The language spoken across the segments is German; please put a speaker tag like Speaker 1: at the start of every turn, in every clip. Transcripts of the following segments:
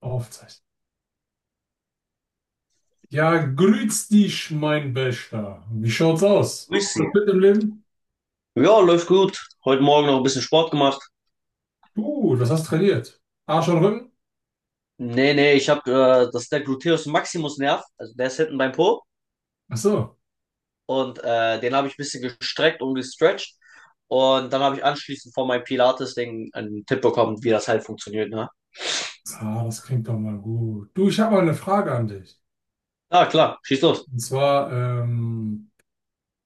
Speaker 1: Aufzeichnen. Ja, grüß dich, mein Bester. Wie schaut's aus?
Speaker 2: Grüß Sie.
Speaker 1: Alles fit im Leben?
Speaker 2: Ja, läuft gut. Heute Morgen noch ein bisschen Sport gemacht.
Speaker 1: Du, was hast du trainiert? Arsch und Rücken?
Speaker 2: Nee, nee, ich habe das ist der Gluteus Maximus Nerv, also der ist hinten beim Po
Speaker 1: Ach so.
Speaker 2: und den habe ich ein bisschen gestreckt und gestretcht und dann habe ich anschließend von meinem Pilates-Ding einen Tipp bekommen, wie das halt funktioniert, ne?
Speaker 1: Ah, das klingt doch mal gut. Du, ich habe mal eine Frage an dich.
Speaker 2: Ah, klar, schieß los.
Speaker 1: Und zwar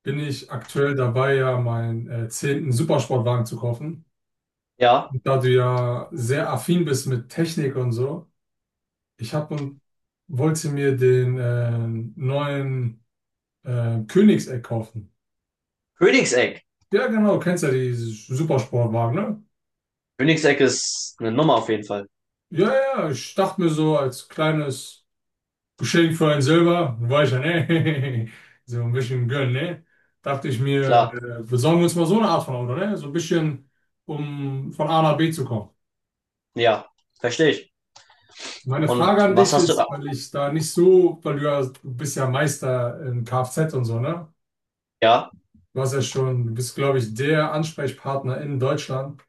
Speaker 1: bin ich aktuell dabei, ja meinen zehnten Supersportwagen zu kaufen.
Speaker 2: Ja,
Speaker 1: Und da du ja sehr affin bist mit Technik und so, ich habe und wollte mir den neuen Königseck kaufen.
Speaker 2: Königseck.
Speaker 1: Ja, genau, du kennst ja die Supersportwagen, ne?
Speaker 2: Königseck ist eine Nummer auf jeden Fall.
Speaker 1: Ja, ja, ja, ich dachte mir so als kleines Geschenk für ein Silber, war ich ja, ne? So ein bisschen gönnen, ne? Dachte ich mir,
Speaker 2: Klar,
Speaker 1: besorgen wir uns mal so eine Art von Auto, ne? So ein bisschen, um von A nach B zu kommen.
Speaker 2: ja, verstehe ich.
Speaker 1: Meine Frage
Speaker 2: Und
Speaker 1: an
Speaker 2: was
Speaker 1: dich
Speaker 2: hast du da?
Speaker 1: ist, weil ich da nicht so, weil du ja, du bist ja Meister in Kfz und so, ne?
Speaker 2: Ja,
Speaker 1: Du hast ja schon, du bist, glaube ich, der Ansprechpartner in Deutschland.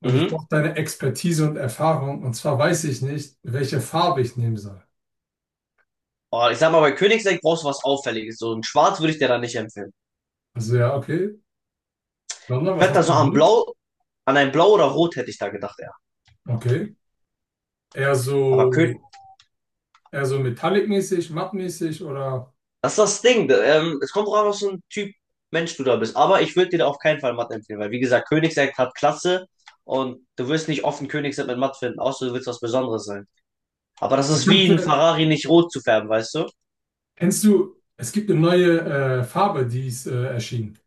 Speaker 1: Und ich
Speaker 2: mhm.
Speaker 1: brauche deine Expertise und Erfahrung. Und zwar weiß ich nicht, welche Farbe ich nehmen soll.
Speaker 2: Oh, ich sag mal, bei Königseck brauchst du was Auffälliges. So ein Schwarz würde ich dir da nicht empfehlen.
Speaker 1: Also ja, okay. Sandra,
Speaker 2: Ich
Speaker 1: was
Speaker 2: werde da
Speaker 1: hast du
Speaker 2: so am
Speaker 1: drin?
Speaker 2: Blau, an ein Blau oder Rot hätte ich da gedacht, ja.
Speaker 1: Okay. Eher
Speaker 2: Aber König,
Speaker 1: so, eher so metallic-mäßig, mattmäßig oder
Speaker 2: das ist das Ding. Es kommt drauf an, was für ein Typ Mensch du da bist. Aber ich würde dir da auf keinen Fall Mathe empfehlen, weil, wie gesagt, Königsegg hat Klasse und du wirst nicht offen Königsegg mit Mathe finden, außer du willst was Besonderes sein. Aber das ist
Speaker 1: kennst
Speaker 2: wie ein
Speaker 1: du,
Speaker 2: Ferrari nicht rot zu färben, weißt du?
Speaker 1: kennst du, es gibt eine neue Farbe, die ist erschienen.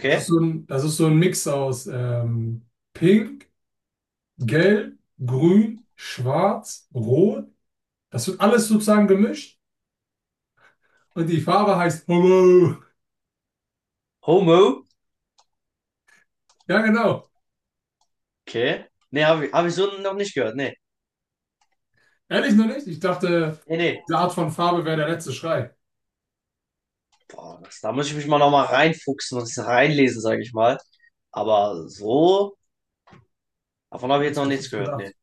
Speaker 1: Das ist so ein, das ist so ein Mix aus Pink, Gelb, Grün, Schwarz, Rot. Das wird alles sozusagen gemischt. Und die Farbe heißt Hello.
Speaker 2: Homo.
Speaker 1: Ja, genau.
Speaker 2: Okay. Nee, hab ich so noch nicht gehört. Nee.
Speaker 1: Ehrlich noch nicht? Ich dachte,
Speaker 2: Nee, nee.
Speaker 1: diese Art von Farbe wäre der letzte Schrei.
Speaker 2: Boah, das, da muss ich mich mal nochmal reinfuchsen und reinlesen, sage ich mal. Aber so, davon habe ich jetzt
Speaker 1: Das
Speaker 2: noch
Speaker 1: hätte ich
Speaker 2: nichts
Speaker 1: nicht
Speaker 2: gehört. Nee.
Speaker 1: gedacht.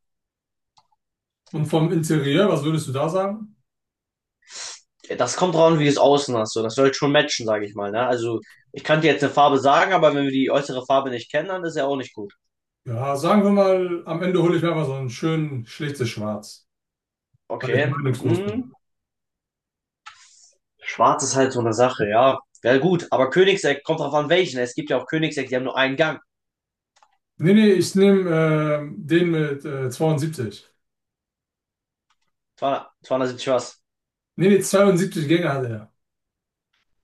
Speaker 1: Und vom Interieur, was würdest du da sagen?
Speaker 2: Das kommt drauf an, wie du es außen hast. So. Das sollte schon matchen, sage ich mal. Ne? Also, ich kann dir jetzt eine Farbe sagen, aber wenn wir die äußere Farbe nicht kennen, dann ist ja auch nicht gut.
Speaker 1: Ja, sagen wir mal, am Ende hole ich mir mal so ein schön schlichtes Schwarz, weil ich
Speaker 2: Okay.
Speaker 1: meinungslos bin.
Speaker 2: Hm. Schwarz ist halt so eine Sache, ja. Ja, gut. Aber Königseck kommt drauf an, welchen. Es gibt ja auch Königseck, die haben nur einen Gang.
Speaker 1: Nee, nee, ich nehme den mit 72.
Speaker 2: 200 was?
Speaker 1: Nee, nee, 72 Gänge hat er.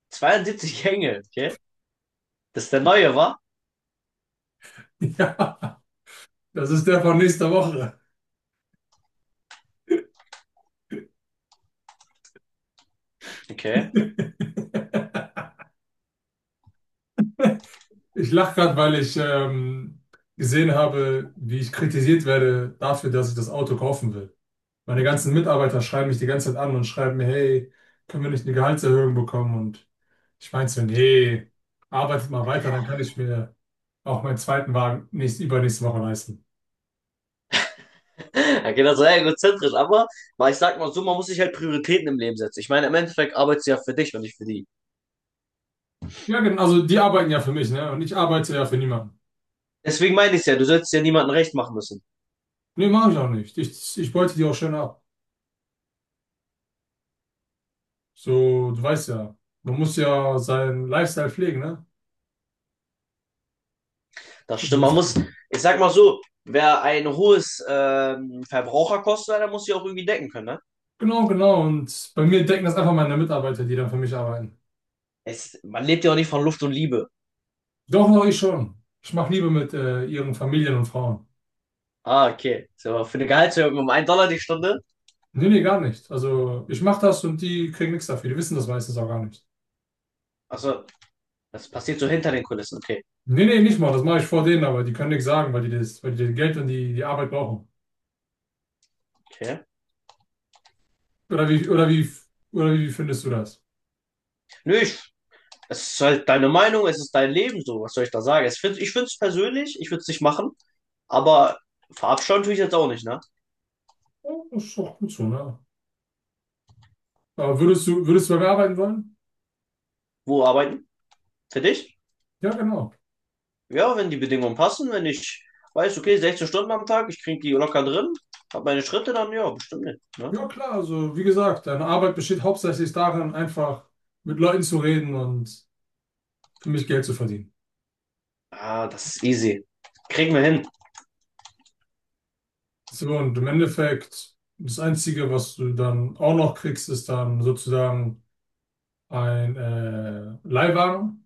Speaker 2: 72 Gänge, okay? Das ist der neue, wa?
Speaker 1: Ja, das ist der von nächster Woche.
Speaker 2: Okay.
Speaker 1: Ich lache gerade, weil ich gesehen habe, wie ich kritisiert werde dafür, dass ich das Auto kaufen will. Meine ganzen Mitarbeiter schreiben mich die ganze Zeit an und schreiben mir, hey, können wir nicht eine Gehaltserhöhung bekommen? Und ich meinte so, nee, arbeitet mal weiter, dann kann ich mir auch meinen zweiten Wagen übernächste Woche leisten.
Speaker 2: Er geht also sehr egozentrisch, aber weil ich sag mal so, man muss sich halt Prioritäten im Leben setzen. Ich meine, im Endeffekt arbeitest du ja für dich und nicht für die.
Speaker 1: Ja, genau, also die arbeiten ja für mich, ne? Und ich arbeite ja für niemanden.
Speaker 2: Deswegen meine ich ja, du solltest ja niemandem recht machen müssen.
Speaker 1: Nee, mache ich auch nicht. Ich beute die auch schön ab. So, du weißt ja, man muss ja seinen Lifestyle pflegen, ne?
Speaker 2: Das
Speaker 1: So ein
Speaker 2: stimmt. Man muss,
Speaker 1: bisschen.
Speaker 2: ich sag mal so, wer ein hohes Verbraucherkosten hat, der muss sich auch irgendwie decken können, ne?
Speaker 1: Genau, genau. Und bei mir denken das einfach meine Mitarbeiter, die dann für mich arbeiten.
Speaker 2: Man lebt ja auch nicht von Luft und Liebe.
Speaker 1: Doch, doch, ich schon. Ich mache Liebe mit ihren Familien und Frauen.
Speaker 2: Ah, okay. So, für eine Gehaltserhöhung um 1 Dollar die Stunde.
Speaker 1: Nee, nee, gar nicht. Also ich mache das und die kriegen nichts dafür. Die wissen das meistens auch gar nicht.
Speaker 2: Also, das passiert so hinter den Kulissen. Okay.
Speaker 1: Nee, nee, nicht mal. Das mache ich vor denen, aber die können nichts sagen, weil die das Geld und die, die Arbeit brauchen.
Speaker 2: Okay.
Speaker 1: Oder wie, oder wie, oder wie findest du das?
Speaker 2: Nö, es ist halt deine Meinung, es ist dein Leben, so. Was soll ich da sagen? Ich finde es persönlich, ich würde es nicht machen, aber verabscheuen tue ich jetzt auch nicht, ne?
Speaker 1: Ja, das ist doch gut so, ne? Aber würdest du bei mir arbeiten wollen?
Speaker 2: Wo arbeiten? Für dich?
Speaker 1: Ja, genau.
Speaker 2: Ja, wenn die Bedingungen passen, wenn ich weiß, okay, 16 Stunden am Tag, ich kriege die locker drin, habe meine Schritte, dann ja, bestimmt nicht. Ne?
Speaker 1: Ja, klar. Also wie gesagt, deine Arbeit besteht hauptsächlich darin, einfach mit Leuten zu reden und für mich Geld zu verdienen.
Speaker 2: Ah, das ist easy. Kriegen wir hin.
Speaker 1: So, und im Endeffekt, das Einzige, was du dann auch noch kriegst, ist dann sozusagen ein Leihwagen.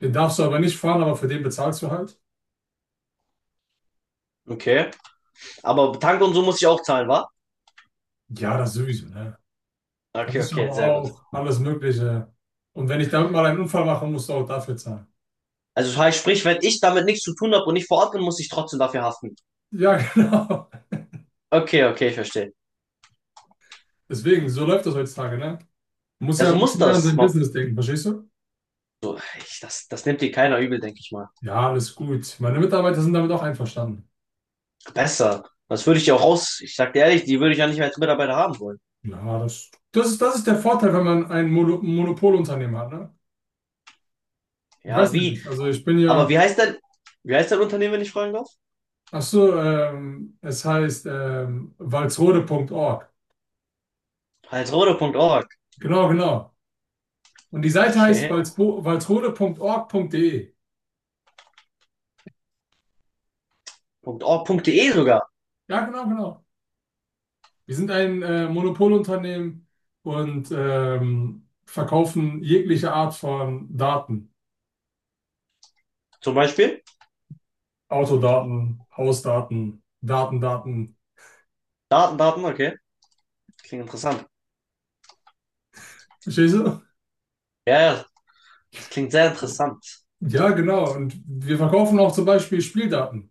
Speaker 1: Den darfst du aber nicht fahren, aber für den bezahlst du halt.
Speaker 2: Okay. Aber Tank und so muss ich auch zahlen, wa?
Speaker 1: Ja, das sowieso, ne?
Speaker 2: Okay,
Speaker 1: Versicherung
Speaker 2: okay, sehr gut.
Speaker 1: auch, alles Mögliche. Und wenn ich damit mal einen Unfall mache, musst du auch dafür zahlen.
Speaker 2: Also das heißt, sprich, wenn ich damit nichts zu tun habe und nicht vor Ort bin, muss ich trotzdem dafür haften.
Speaker 1: Ja, genau.
Speaker 2: Okay, okay, ich verstehe.
Speaker 1: Deswegen, so läuft das heutzutage, ne? Man muss
Speaker 2: Ja,
Speaker 1: ja
Speaker 2: so
Speaker 1: ein
Speaker 2: muss
Speaker 1: bisschen mehr an
Speaker 2: das.
Speaker 1: sein
Speaker 2: Ma-
Speaker 1: Business denken, verstehst du?
Speaker 2: Ich, das, das nimmt dir keiner übel, denke ich mal.
Speaker 1: Ja, alles gut. Meine Mitarbeiter sind damit auch einverstanden.
Speaker 2: Besser. Das würde ich ja auch raus. Ich sag dir ehrlich, die würde ich ja nicht mehr als Mitarbeiter haben wollen.
Speaker 1: Ja, das ist der Vorteil, wenn man ein Monopolunternehmen hat, ne? Ich
Speaker 2: Ja,
Speaker 1: weiß ja
Speaker 2: wie?
Speaker 1: nicht. Also ich bin
Speaker 2: Aber
Speaker 1: ja,
Speaker 2: wie heißt denn, Wie heißt dein Unternehmen, wenn ich fragen darf?
Speaker 1: ach so, es heißt walsrode punkt Org.
Speaker 2: Walsrode.org.
Speaker 1: Genau, genau. Und die Seite heißt
Speaker 2: Okay.
Speaker 1: walsrode.org.de.
Speaker 2: .org.de sogar.
Speaker 1: Ja, genau, genau. Wir sind ein Monopolunternehmen und verkaufen jegliche Art von Daten.
Speaker 2: Zum Beispiel.
Speaker 1: Autodaten, Hausdaten, Daten, Daten.
Speaker 2: Daten, Daten, okay. Klingt interessant.
Speaker 1: Verstehst du?
Speaker 2: Ja, ja, das klingt sehr interessant.
Speaker 1: Ja, genau. Und wir verkaufen auch zum Beispiel Spieldaten,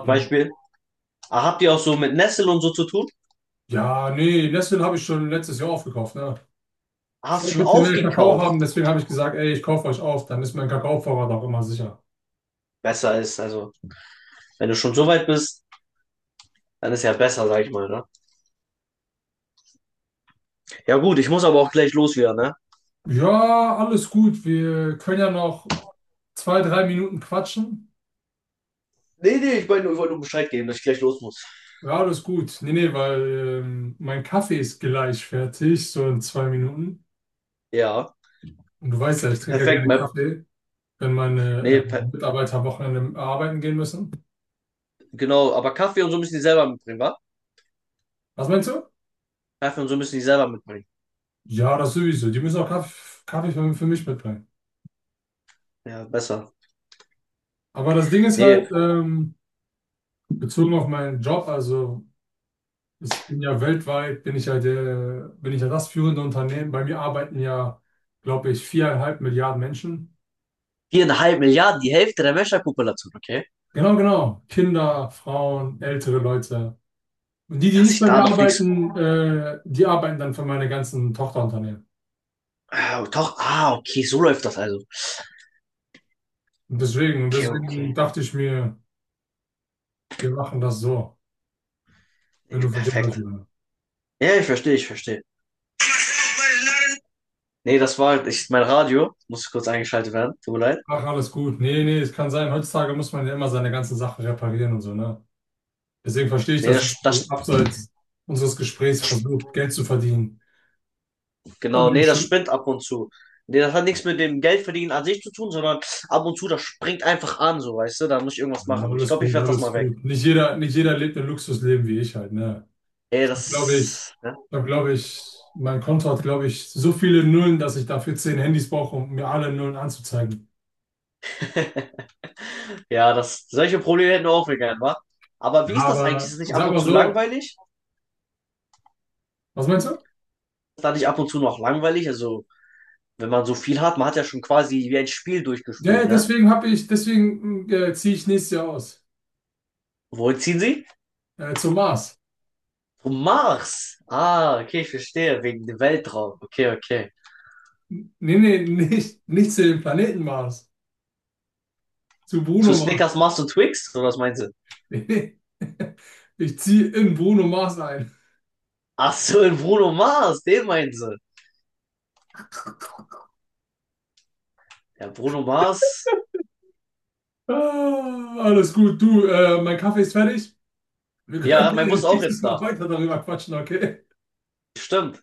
Speaker 2: Zum Beispiel, ah, habt ihr auch so mit Nestle und so zu tun?
Speaker 1: Ja, nee, Nestle habe ich schon letztes Jahr aufgekauft, ne?
Speaker 2: Ah,
Speaker 1: Ich will
Speaker 2: hast
Speaker 1: ein
Speaker 2: schon
Speaker 1: bisschen mehr Kakao haben,
Speaker 2: aufgekauft?
Speaker 1: deswegen habe ich gesagt, ey, ich kaufe euch auf, dann ist mein Kakaovorrat auch immer sicher.
Speaker 2: Besser ist, also, wenn du schon so weit bist, dann ist ja besser, sag ich mal, ne? Ja gut, ich muss aber auch gleich los wieder, ne?
Speaker 1: Ja, alles gut. Wir können ja noch zwei, drei Minuten quatschen.
Speaker 2: Nee, nee, ich wollte nur Bescheid geben, dass ich gleich los muss.
Speaker 1: Ja, alles gut. Nee, nee, weil mein Kaffee ist gleich fertig, so in zwei Minuten.
Speaker 2: Ja,
Speaker 1: Und du weißt ja, ich trinke ja
Speaker 2: perfekt.
Speaker 1: gerne
Speaker 2: mein-
Speaker 1: Kaffee, wenn meine
Speaker 2: Nee, per
Speaker 1: Mitarbeiter am Wochenende arbeiten gehen müssen.
Speaker 2: Genau, aber Kaffee und so müssen die selber mitbringen, wa?
Speaker 1: Was meinst du?
Speaker 2: Kaffee und so müssen die selber mitbringen.
Speaker 1: Ja, das sowieso. Die müssen auch Kaffee, Kaffee für mich mitbringen.
Speaker 2: Ja, besser.
Speaker 1: Aber das Ding ist
Speaker 2: Nee,
Speaker 1: halt, bezogen auf meinen Job, also ich bin ja weltweit, bin ich ja das führende Unternehmen. Bei mir arbeiten ja, glaube ich, 4,5 Milliarden Menschen.
Speaker 2: 4,5 Milliarden, die Hälfte der Menschheitspopulation, okay?
Speaker 1: Genau, genau. Kinder, Frauen, ältere Leute. Und die, die
Speaker 2: Dass
Speaker 1: nicht
Speaker 2: ich
Speaker 1: bei
Speaker 2: da
Speaker 1: mir
Speaker 2: noch nichts.
Speaker 1: arbeiten, die arbeiten dann für meine ganzen Tochterunternehmen.
Speaker 2: Ah, doch, ah, okay, so läuft das also.
Speaker 1: Und deswegen, und
Speaker 2: Okay,
Speaker 1: deswegen
Speaker 2: okay.
Speaker 1: dachte ich mir, wir machen das so, wenn du
Speaker 2: Nee,
Speaker 1: verstehst, was ich
Speaker 2: perfekt.
Speaker 1: meine.
Speaker 2: Ja, ich verstehe, ich verstehe. Nee, das war ich, mein Radio. Muss kurz eingeschaltet werden, tut mir leid.
Speaker 1: Ach, alles gut. Nee, nee, es kann sein. Heutzutage muss man ja immer seine ganze Sache reparieren und so, ne? Deswegen verstehe ich,
Speaker 2: Nee,
Speaker 1: dass
Speaker 2: das,
Speaker 1: das so
Speaker 2: das,
Speaker 1: abseits unseres Gesprächs versucht, Geld zu verdienen. Aber
Speaker 2: genau,
Speaker 1: ja,
Speaker 2: nee, das
Speaker 1: stimmt.
Speaker 2: spinnt ab und zu. Nee, das hat nichts mit dem Geldverdienen an sich zu tun, sondern ab und zu, das springt einfach an, so, weißt du, da muss ich irgendwas
Speaker 1: Ja,
Speaker 2: machen. Ich
Speaker 1: alles
Speaker 2: glaube, ich
Speaker 1: gut,
Speaker 2: werf das
Speaker 1: alles
Speaker 2: mal weg.
Speaker 1: gut. Nicht jeder lebt ein Luxusleben wie ich halt, ne?
Speaker 2: Ey,
Speaker 1: Da glaube ich,
Speaker 2: das, ne?
Speaker 1: da glaube ich, mein Konto hat, glaube ich, so viele Nullen, dass ich dafür zehn Handys brauche, um mir alle Nullen anzuzeigen.
Speaker 2: Ja, das, solche Probleme hätten wir auch wir gern, wa? Aber
Speaker 1: Ja,
Speaker 2: wie ist das eigentlich? Ist
Speaker 1: aber
Speaker 2: es
Speaker 1: ich
Speaker 2: nicht ab
Speaker 1: sag
Speaker 2: und
Speaker 1: mal
Speaker 2: zu
Speaker 1: so,
Speaker 2: langweilig?
Speaker 1: was meinst du?
Speaker 2: Dadurch ab und zu noch langweilig. Also, wenn man so viel hat, man hat ja schon quasi wie ein Spiel
Speaker 1: Ja, ja,
Speaker 2: durchgespielt, ne?
Speaker 1: deswegen ziehe ich nächstes Jahr aus.
Speaker 2: Wo ziehen sie?
Speaker 1: Zum Mars.
Speaker 2: Zum Mars. Ah, okay, ich verstehe. Wegen dem Weltraum. Okay, okay.
Speaker 1: Nee, nee, nicht, nicht zu dem Planeten Mars. Zu
Speaker 2: Zu
Speaker 1: Bruno.
Speaker 2: Snickers, Mars und Twix? Oder was meinen sie?
Speaker 1: Nee. Ich ziehe in Bruno Mars ein.
Speaker 2: Ach so, in Bruno Mars, den meinen sie. Ja, Bruno Mars.
Speaker 1: Ah, alles gut, du, mein Kaffee ist fertig. Wir können
Speaker 2: Ja, mein Bus
Speaker 1: gerne
Speaker 2: ist auch
Speaker 1: nächstes
Speaker 2: jetzt da.
Speaker 1: Mal weiter darüber quatschen, okay?
Speaker 2: Stimmt.